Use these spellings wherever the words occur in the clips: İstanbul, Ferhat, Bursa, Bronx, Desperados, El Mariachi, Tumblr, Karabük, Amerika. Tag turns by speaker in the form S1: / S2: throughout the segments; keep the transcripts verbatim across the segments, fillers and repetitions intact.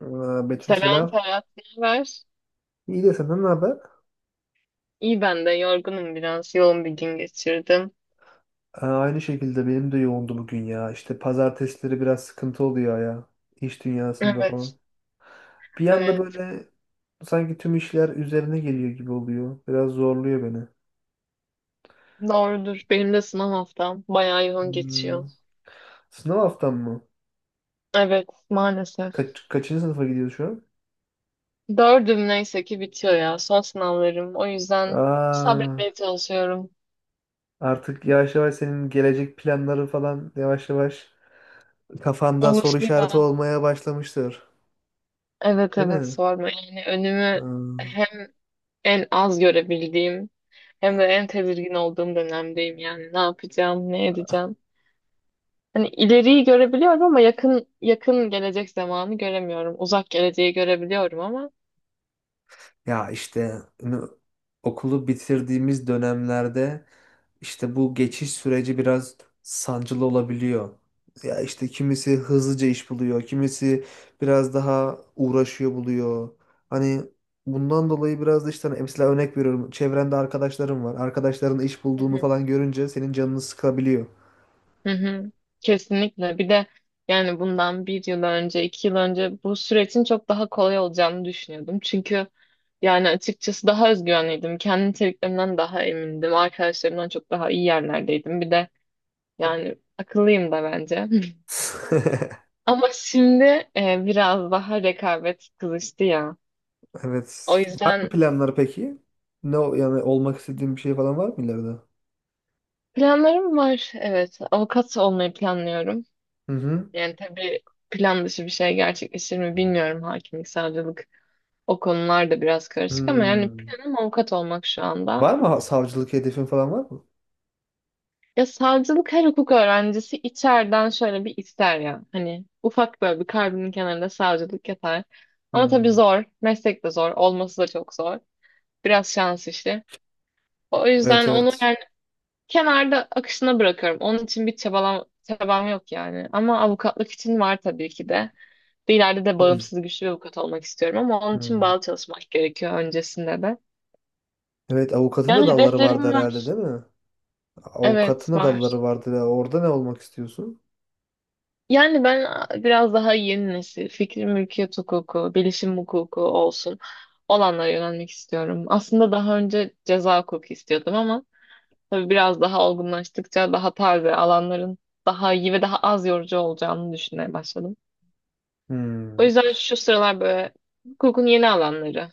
S1: Aa, Betül
S2: Selam
S1: selam.
S2: Ferhat, ne haber?
S1: İyi de senden ne haber?
S2: İyi ben de yorgunum biraz. Yoğun bir gün geçirdim.
S1: Aa, aynı şekilde benim de yoğundu bugün ya. İşte pazartesileri biraz sıkıntı oluyor ya. İş dünyasında falan.
S2: Evet,
S1: Bir anda
S2: evet.
S1: böyle sanki tüm işler üzerine geliyor gibi oluyor. Biraz zorluyor beni.
S2: Doğrudur. Benim de sınav haftam bayağı yoğun geçiyor.
S1: Hmm, sınav haftam mı?
S2: Evet, maalesef.
S1: Kaç, kaçıncı sınıfa gidiyorsun şu an?
S2: Dördüm neyse ki bitiyor ya. Son sınavlarım. O yüzden
S1: Aa,
S2: sabretmeye çalışıyorum.
S1: Artık yavaş yavaş senin gelecek planları falan yavaş yavaş kafanda
S2: Olur
S1: soru işareti
S2: ya.
S1: olmaya başlamıştır.
S2: Evet
S1: Değil
S2: evet
S1: mi?
S2: sorma. Yani önümü
S1: Aa.
S2: hem en az görebildiğim hem de en tedirgin olduğum dönemdeyim yani. Ne yapacağım, ne edeceğim. Hani ileriyi görebiliyorum ama yakın yakın gelecek zamanı göremiyorum. Uzak geleceği görebiliyorum ama
S1: Ya işte ünü- okulu bitirdiğimiz dönemlerde işte bu geçiş süreci biraz sancılı olabiliyor. Ya işte kimisi hızlıca iş buluyor, kimisi biraz daha uğraşıyor buluyor. Hani bundan dolayı biraz da işte hani mesela örnek veriyorum. Çevrende arkadaşlarım var. Arkadaşların iş
S2: hı
S1: bulduğunu
S2: hı.
S1: falan görünce senin canını sıkabiliyor.
S2: Hı hı. Kesinlikle. Bir de yani bundan bir yıl önce, iki yıl önce bu sürecin çok daha kolay olacağını düşünüyordum. Çünkü yani açıkçası daha özgüvenliydim. Kendi niteliklerimden daha emindim. Arkadaşlarımdan çok daha iyi yerlerdeydim. Bir de yani akıllıyım da bence. Ama şimdi e, biraz daha rekabet kızıştı ya. O
S1: Evet. Var mı
S2: yüzden
S1: planlar peki? Ne o- yani olmak istediğin bir şey falan var mı ileride?
S2: planlarım var. Evet. Avukat olmayı planlıyorum.
S1: Hı hı.
S2: Yani tabii plan dışı bir şey gerçekleşir mi bilmiyorum. Hakimlik, savcılık o konular da biraz karışık ama yani
S1: Hmm.
S2: planım avukat olmak şu anda.
S1: Var mı ha- savcılık hedefin falan var mı?
S2: Ya savcılık her hukuk öğrencisi içeriden şöyle bir ister ya. Hani ufak böyle bir kalbinin kenarında savcılık yatar. Ama tabii
S1: Hmm.
S2: zor. Meslek de zor. Olması da çok zor. Biraz şans işi. O yüzden
S1: Evet,
S2: onu
S1: evet.
S2: kenarda akışına bırakıyorum. Onun için bir çabalam, çabam yok yani. Ama avukatlık için var tabii ki de. Bir ileride de
S1: Hmm.
S2: bağımsız güçlü bir avukat olmak istiyorum ama onun için
S1: Hmm.
S2: bağlı çalışmak gerekiyor öncesinde de.
S1: Evet, avukatın da
S2: Yani
S1: dalları vardı
S2: hedeflerim
S1: herhalde,
S2: var.
S1: değil mi?
S2: Evet
S1: Avukatın da
S2: var.
S1: dalları vardı. Ya, orada ne olmak istiyorsun?
S2: Yani ben biraz daha yeni nesil, fikri mülkiyet hukuku, bilişim hukuku olsun olanlara yönelmek istiyorum. Aslında daha önce ceza hukuku istiyordum ama tabii biraz daha olgunlaştıkça daha taze alanların daha iyi ve daha az yorucu olacağını düşünmeye başladım. O
S1: Hmm.
S2: yüzden şu sıralar böyle hukukun yeni alanları.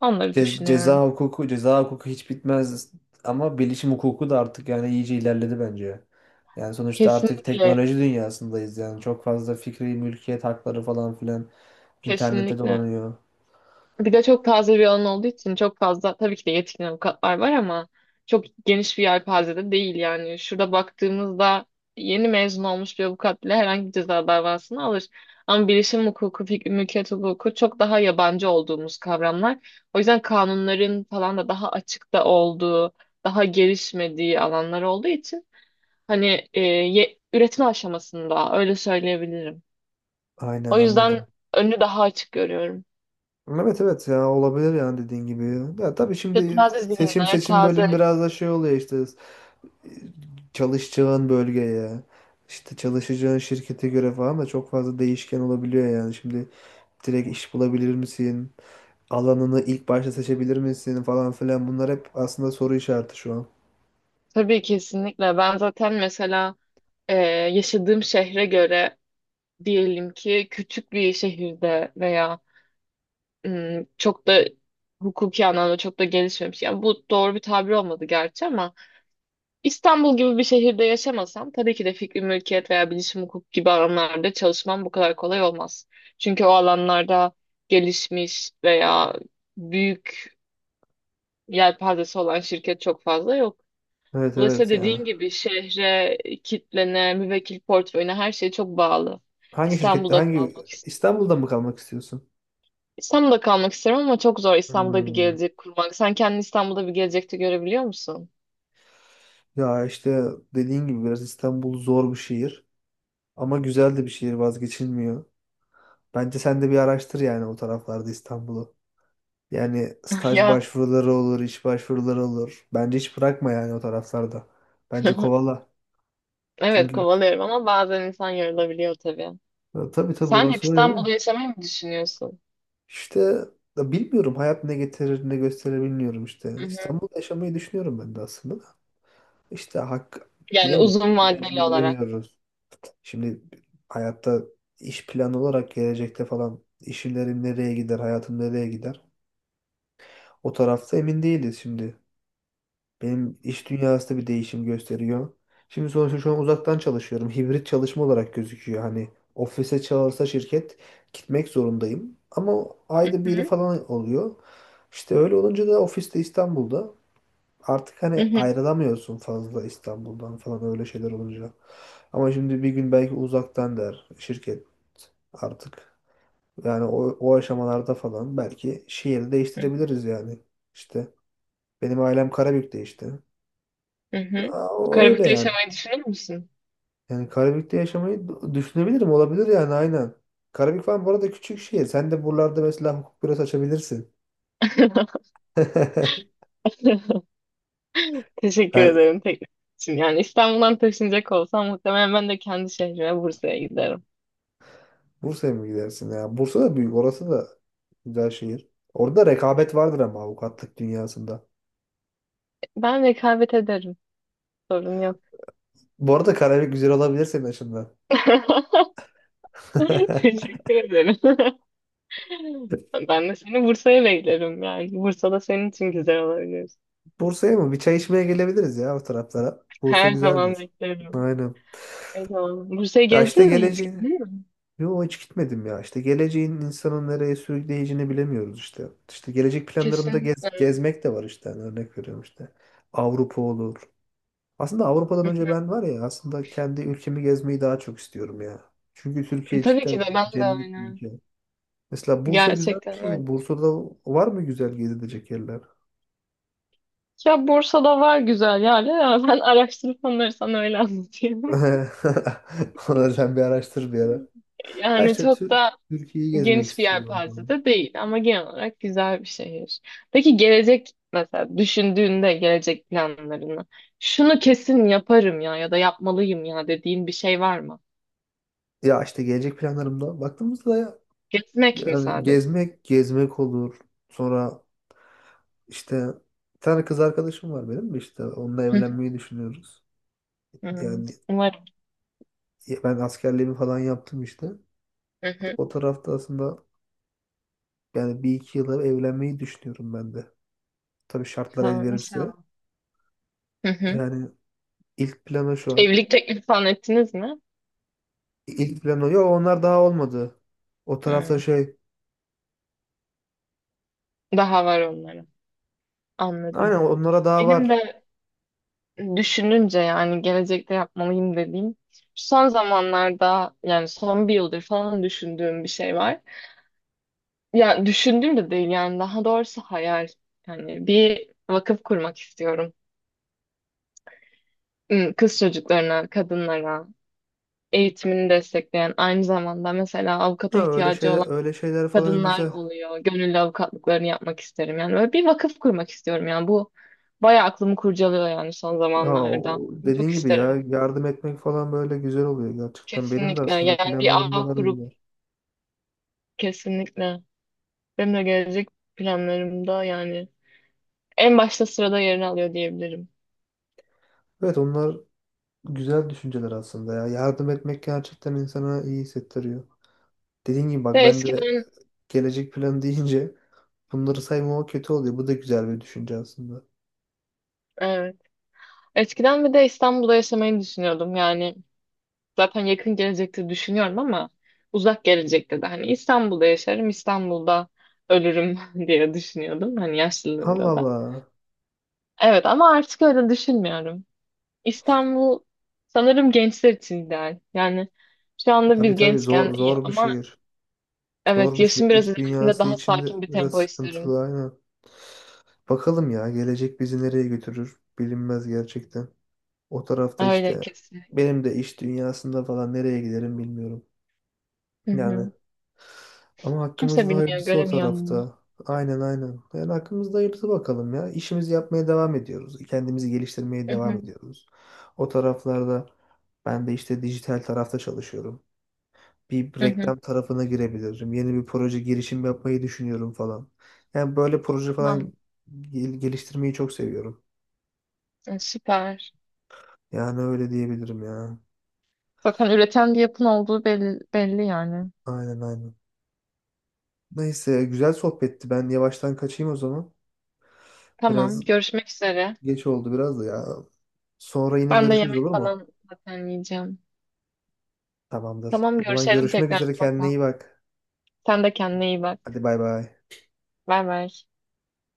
S2: Onları
S1: Ce- ceza
S2: düşünüyorum.
S1: hukuku, ceza hukuku hiç bitmez ama bilişim hukuku da artık yani iyice ilerledi bence. Yani sonuçta artık
S2: Kesinlikle,
S1: teknoloji dünyasındayız, yani çok fazla fikri mülkiyet hakları falan filan internette
S2: kesinlikle.
S1: dolanıyor.
S2: Bir de çok taze bir alan olduğu için çok fazla tabii ki de yetkin avukatlar var ama çok geniş bir yelpazede değil yani. Şurada baktığımızda yeni mezun olmuş bir avukat bile herhangi bir ceza davasını alır. Ama bilişim hukuku, fik- mülkiyet hukuku çok daha yabancı olduğumuz kavramlar. O yüzden kanunların falan da daha açıkta olduğu, daha gelişmediği alanlar olduğu için hani e, ye- üretim aşamasında öyle söyleyebilirim.
S1: Aynen,
S2: O yüzden
S1: anladım.
S2: önü daha açık görüyorum.
S1: Evet, evet, ya olabilir yani dediğin gibi. Ya tabii
S2: Ve
S1: şimdi
S2: taze
S1: seçim
S2: zihinler,
S1: seçim
S2: taze
S1: bölüm biraz da şey oluyor işte, e, çalışacağın bölgeye, işte çalışacağın şirkete göre falan da çok fazla değişken olabiliyor yani. Şimdi direkt iş bulabilir misin? Alanını ilk başta seçebilir misin falan filan, bunlar hep aslında soru işareti şu an.
S2: tabii kesinlikle. Ben zaten mesela e, yaşadığım şehre göre diyelim ki küçük bir şehirde veya ım, çok da hukuki anlamda çok da gelişmemiş. Yani bu doğru bir tabir olmadı gerçi ama İstanbul gibi bir şehirde yaşamasam tabii ki de fikri mülkiyet veya bilişim hukuk gibi alanlarda çalışmam bu kadar kolay olmaz. Çünkü o alanlarda gelişmiş veya büyük yelpazesi olan şirket çok fazla yok.
S1: Evet,
S2: Dolayısıyla
S1: evet yani.
S2: dediğin gibi şehre, kitlene, müvekkil portföyüne her şey çok bağlı.
S1: Hangi şirkette
S2: İstanbul'da
S1: hangi
S2: kalmak istiyorum.
S1: İstanbul'da mı kalmak istiyorsun?
S2: İstanbul'da kalmak isterim ama çok zor İstanbul'da bir
S1: Hmm.
S2: gelecek kurmak. Sen kendini İstanbul'da bir gelecekte görebiliyor musun?
S1: Ya işte dediğin gibi biraz İstanbul zor bir şehir ama güzel de bir şehir, vazgeçilmiyor. Bence sen de bir araştır yani o taraflarda İstanbul'u. Yani staj
S2: Ya
S1: başvuruları olur, iş başvuruları olur. Bence hiç bırakma yani o taraflarda. Bence kovala.
S2: evet
S1: Çünkü
S2: kovalıyorum ama bazen insan yorulabiliyor tabii.
S1: ya tabii, tabii
S2: Sen hep
S1: orası öyle.
S2: İstanbul'da yaşamayı mı düşünüyorsun?
S1: İşte ya bilmiyorum, hayat ne getirir ne gösterir bilmiyorum işte.
S2: Hı hı.
S1: İstanbul'da yaşamayı düşünüyorum ben de aslında. Da. İşte hak
S2: Yani
S1: bilemiyoruz.
S2: uzun vadeli
S1: Geleceği
S2: olarak.
S1: bilemiyoruz. Şimdi hayatta iş planı olarak gelecekte falan işlerim nereye gider, hayatım nereye gider? O tarafta emin değiliz şimdi. Benim iş dünyası da bir değişim gösteriyor. Şimdi sonuçta şu an uzaktan çalışıyorum. Hibrit çalışma olarak gözüküyor. Hani ofise çağırsa şirket gitmek zorundayım. Ama
S2: Hı
S1: ayda biri
S2: hı.
S1: falan oluyor. İşte öyle olunca da ofiste İstanbul'da artık
S2: Hı
S1: hani
S2: hı.
S1: ayrılamıyorsun fazla İstanbul'dan falan öyle şeyler olunca. Ama şimdi bir gün belki uzaktan der şirket artık. Yani o, o aşamalarda falan belki şehri
S2: Hı
S1: değiştirebiliriz yani. İşte benim ailem Karabük'te işte.
S2: hı.
S1: Aa, öyle
S2: Karabük'te
S1: yani.
S2: yaşamayı düşünür müsün?
S1: Yani Karabük'te yaşamayı d- düşünebilirim. Olabilir yani, aynen. Karabük falan bu arada küçük şehir. Sen de buralarda mesela hukuk bürosu açabilirsin.
S2: Teşekkür
S1: Ben
S2: ederim teklif için. Yani İstanbul'dan taşınacak olsam muhtemelen ben de kendi şehrime Bursa'ya giderim.
S1: Bursa'ya mı gidersin ya? Bursa da büyük. Orası da güzel şehir. Orada rekabet vardır ama avukatlık dünyasında.
S2: Ben rekabet ederim. Sorun yok.
S1: Bu arada Karabük güzel olabilir senin açından.
S2: Teşekkür ederim. Ben de seni Bursa'ya beklerim yani. Bursa'da senin için güzel olabilir.
S1: Bursa'ya mı? Bir çay içmeye gelebiliriz ya o taraflara. Bursa
S2: Her zaman
S1: güzeldir.
S2: beklerim.
S1: Aynen.
S2: Her zaman. Bursa'yı
S1: Ya işte
S2: gezdin mi hiç?
S1: geleceği.
S2: Hı?
S1: Yo, hiç gitmedim ya. İşte geleceğin insanın nereye sürükleyeceğini bilemiyoruz işte. İşte gelecek planlarımda gez,
S2: Kesinlikle.
S1: gezmek de var işte. Yani örnek veriyorum işte. Avrupa olur. Aslında Avrupa'dan
S2: Hı
S1: önce ben var ya, aslında kendi ülkemi gezmeyi daha çok istiyorum ya. Çünkü
S2: hı.
S1: Türkiye
S2: Tabii ki
S1: cidden
S2: de ben de
S1: cennet bir
S2: aynı.
S1: ülke. Mesela Bursa güzel bir
S2: Gerçekten öyle.
S1: şehir. Bursa'da var mı güzel gezilecek yerler?
S2: Ya Bursa'da var güzel yerler ama ben araştırıp onları sana öyle anlatayım.
S1: Onları sen bir araştır bir ara. Ha
S2: Yani
S1: işte
S2: çok
S1: Tür-
S2: da
S1: Türkiye'yi gezmek
S2: geniş bir
S1: istiyorum.
S2: yelpaze
S1: Falan.
S2: de değil ama genel olarak güzel bir şehir. Peki gelecek mesela düşündüğünde gelecek planlarını şunu kesin yaparım ya ya da yapmalıyım ya dediğin bir şey var mı?
S1: Ya işte gelecek planlarımda baktığımızda
S2: Gezmek mi
S1: yani
S2: sadece?
S1: gezmek gezmek olur. Sonra işte bir tane kız arkadaşım var benim de işte, onunla
S2: Hı hı.
S1: evlenmeyi düşünüyoruz.
S2: Hmm,
S1: Yani
S2: umarım.
S1: ben askerliğimi falan yaptım işte.
S2: Hı hı.
S1: O tarafta aslında yani bir iki yıla evlenmeyi düşünüyorum ben de. Tabii şartlar el
S2: Ha,
S1: verirse.
S2: inşallah. Hı hı.
S1: Yani ilk planı şu an.
S2: Evlilik teklifi falan ettiniz mi?
S1: İlk planı yok, onlar daha olmadı. O tarafta
S2: Hmm,
S1: şey.
S2: daha var onların
S1: Aynen,
S2: anladım.
S1: onlara daha
S2: Benim
S1: var.
S2: de düşününce yani gelecekte yapmalıyım dediğim son zamanlarda yani son bir yıldır falan düşündüğüm bir şey var. Ya düşündüğüm de değil yani daha doğrusu hayal. Yani bir vakıf kurmak istiyorum. Hmm, kız çocuklarına, kadınlara, eğitimini destekleyen aynı zamanda mesela
S1: Ha,
S2: avukata
S1: öyle
S2: ihtiyacı
S1: şeyler,
S2: olan
S1: öyle şeyler falan
S2: kadınlar
S1: güzel.
S2: oluyor. Gönüllü avukatlıklarını yapmak isterim. Yani böyle bir vakıf kurmak istiyorum. Yani bu bayağı aklımı kurcalıyor yani son
S1: Aa,
S2: zamanlarda.
S1: o-
S2: Çok
S1: dediğin gibi
S2: isterim.
S1: ya, yardım etmek falan böyle güzel oluyor gerçekten. Benim de
S2: Kesinlikle.
S1: aslında
S2: Yani bir
S1: planlarımda
S2: ağ
S1: var
S2: kurup
S1: onlar.
S2: kesinlikle benim de gelecek planlarımda yani en başta sırada yerini alıyor diyebilirim.
S1: Evet, onlar güzel düşünceler aslında ya. Yardım etmek gerçekten insana iyi hissettiriyor. Dediğin gibi bak,
S2: Ve
S1: ben de
S2: eskiden
S1: gelecek planı deyince bunları saymama kötü oluyor. Bu da güzel bir düşünce aslında.
S2: evet, eskiden bir de İstanbul'da yaşamayı düşünüyordum. Yani zaten yakın gelecekte düşünüyorum ama uzak gelecekte de hani İstanbul'da yaşarım, İstanbul'da ölürüm diye düşünüyordum hani
S1: Allah
S2: yaşlılığımda da.
S1: Allah.
S2: Evet ama artık öyle düşünmüyorum. İstanbul sanırım gençler için ideal. Yani şu anda
S1: Tabii
S2: biz
S1: tabii,
S2: gençken
S1: zor
S2: iyi
S1: zor bir
S2: ama
S1: şehir.
S2: evet
S1: Zor bir şehir.
S2: yaşım biraz
S1: İş
S2: ilerlediğinde
S1: dünyası
S2: daha
S1: içinde
S2: sakin bir
S1: biraz
S2: tempo isterim.
S1: sıkıntılı, aynen. Bakalım ya, gelecek bizi nereye götürür bilinmez gerçekten. O tarafta
S2: Öyle
S1: işte
S2: kesin.
S1: benim de iş dünyasında falan nereye giderim bilmiyorum.
S2: Hı
S1: Yani
S2: hı.
S1: ama
S2: Kimse
S1: hakkımızda
S2: bilmiyor,
S1: hayırlısı o
S2: göremiyor önünü.
S1: tarafta. Aynen, aynen. Yani hakkımızda hayırlısı bakalım ya. İşimizi yapmaya devam ediyoruz. Kendimizi geliştirmeye
S2: Hı
S1: devam
S2: hı.
S1: ediyoruz. O taraflarda ben de işte dijital tarafta çalışıyorum. Bir
S2: Hı hı.
S1: reklam tarafına girebilirim. Yeni bir proje girişim yapmayı düşünüyorum falan. Yani böyle proje falan
S2: Tamam.
S1: gel- geliştirmeyi çok seviyorum.
S2: E, Süper.
S1: Yani öyle diyebilirim ya.
S2: Zaten üreten bir yapın olduğu belli, belli yani.
S1: Aynen, aynen. Neyse, güzel sohbetti. Ben yavaştan kaçayım o zaman.
S2: Tamam,
S1: Biraz
S2: görüşmek üzere.
S1: geç oldu biraz da ya. Sonra yine
S2: Ben de
S1: görüşürüz,
S2: yemek
S1: olur mu?
S2: falan zaten yiyeceğim.
S1: Tamamdır.
S2: Tamam,
S1: O zaman
S2: görüşelim
S1: görüşmek
S2: tekrar
S1: üzere, kendine
S2: mutlaka.
S1: iyi bak.
S2: Sen de kendine iyi bak.
S1: Hadi, bay bay.
S2: Bay bay.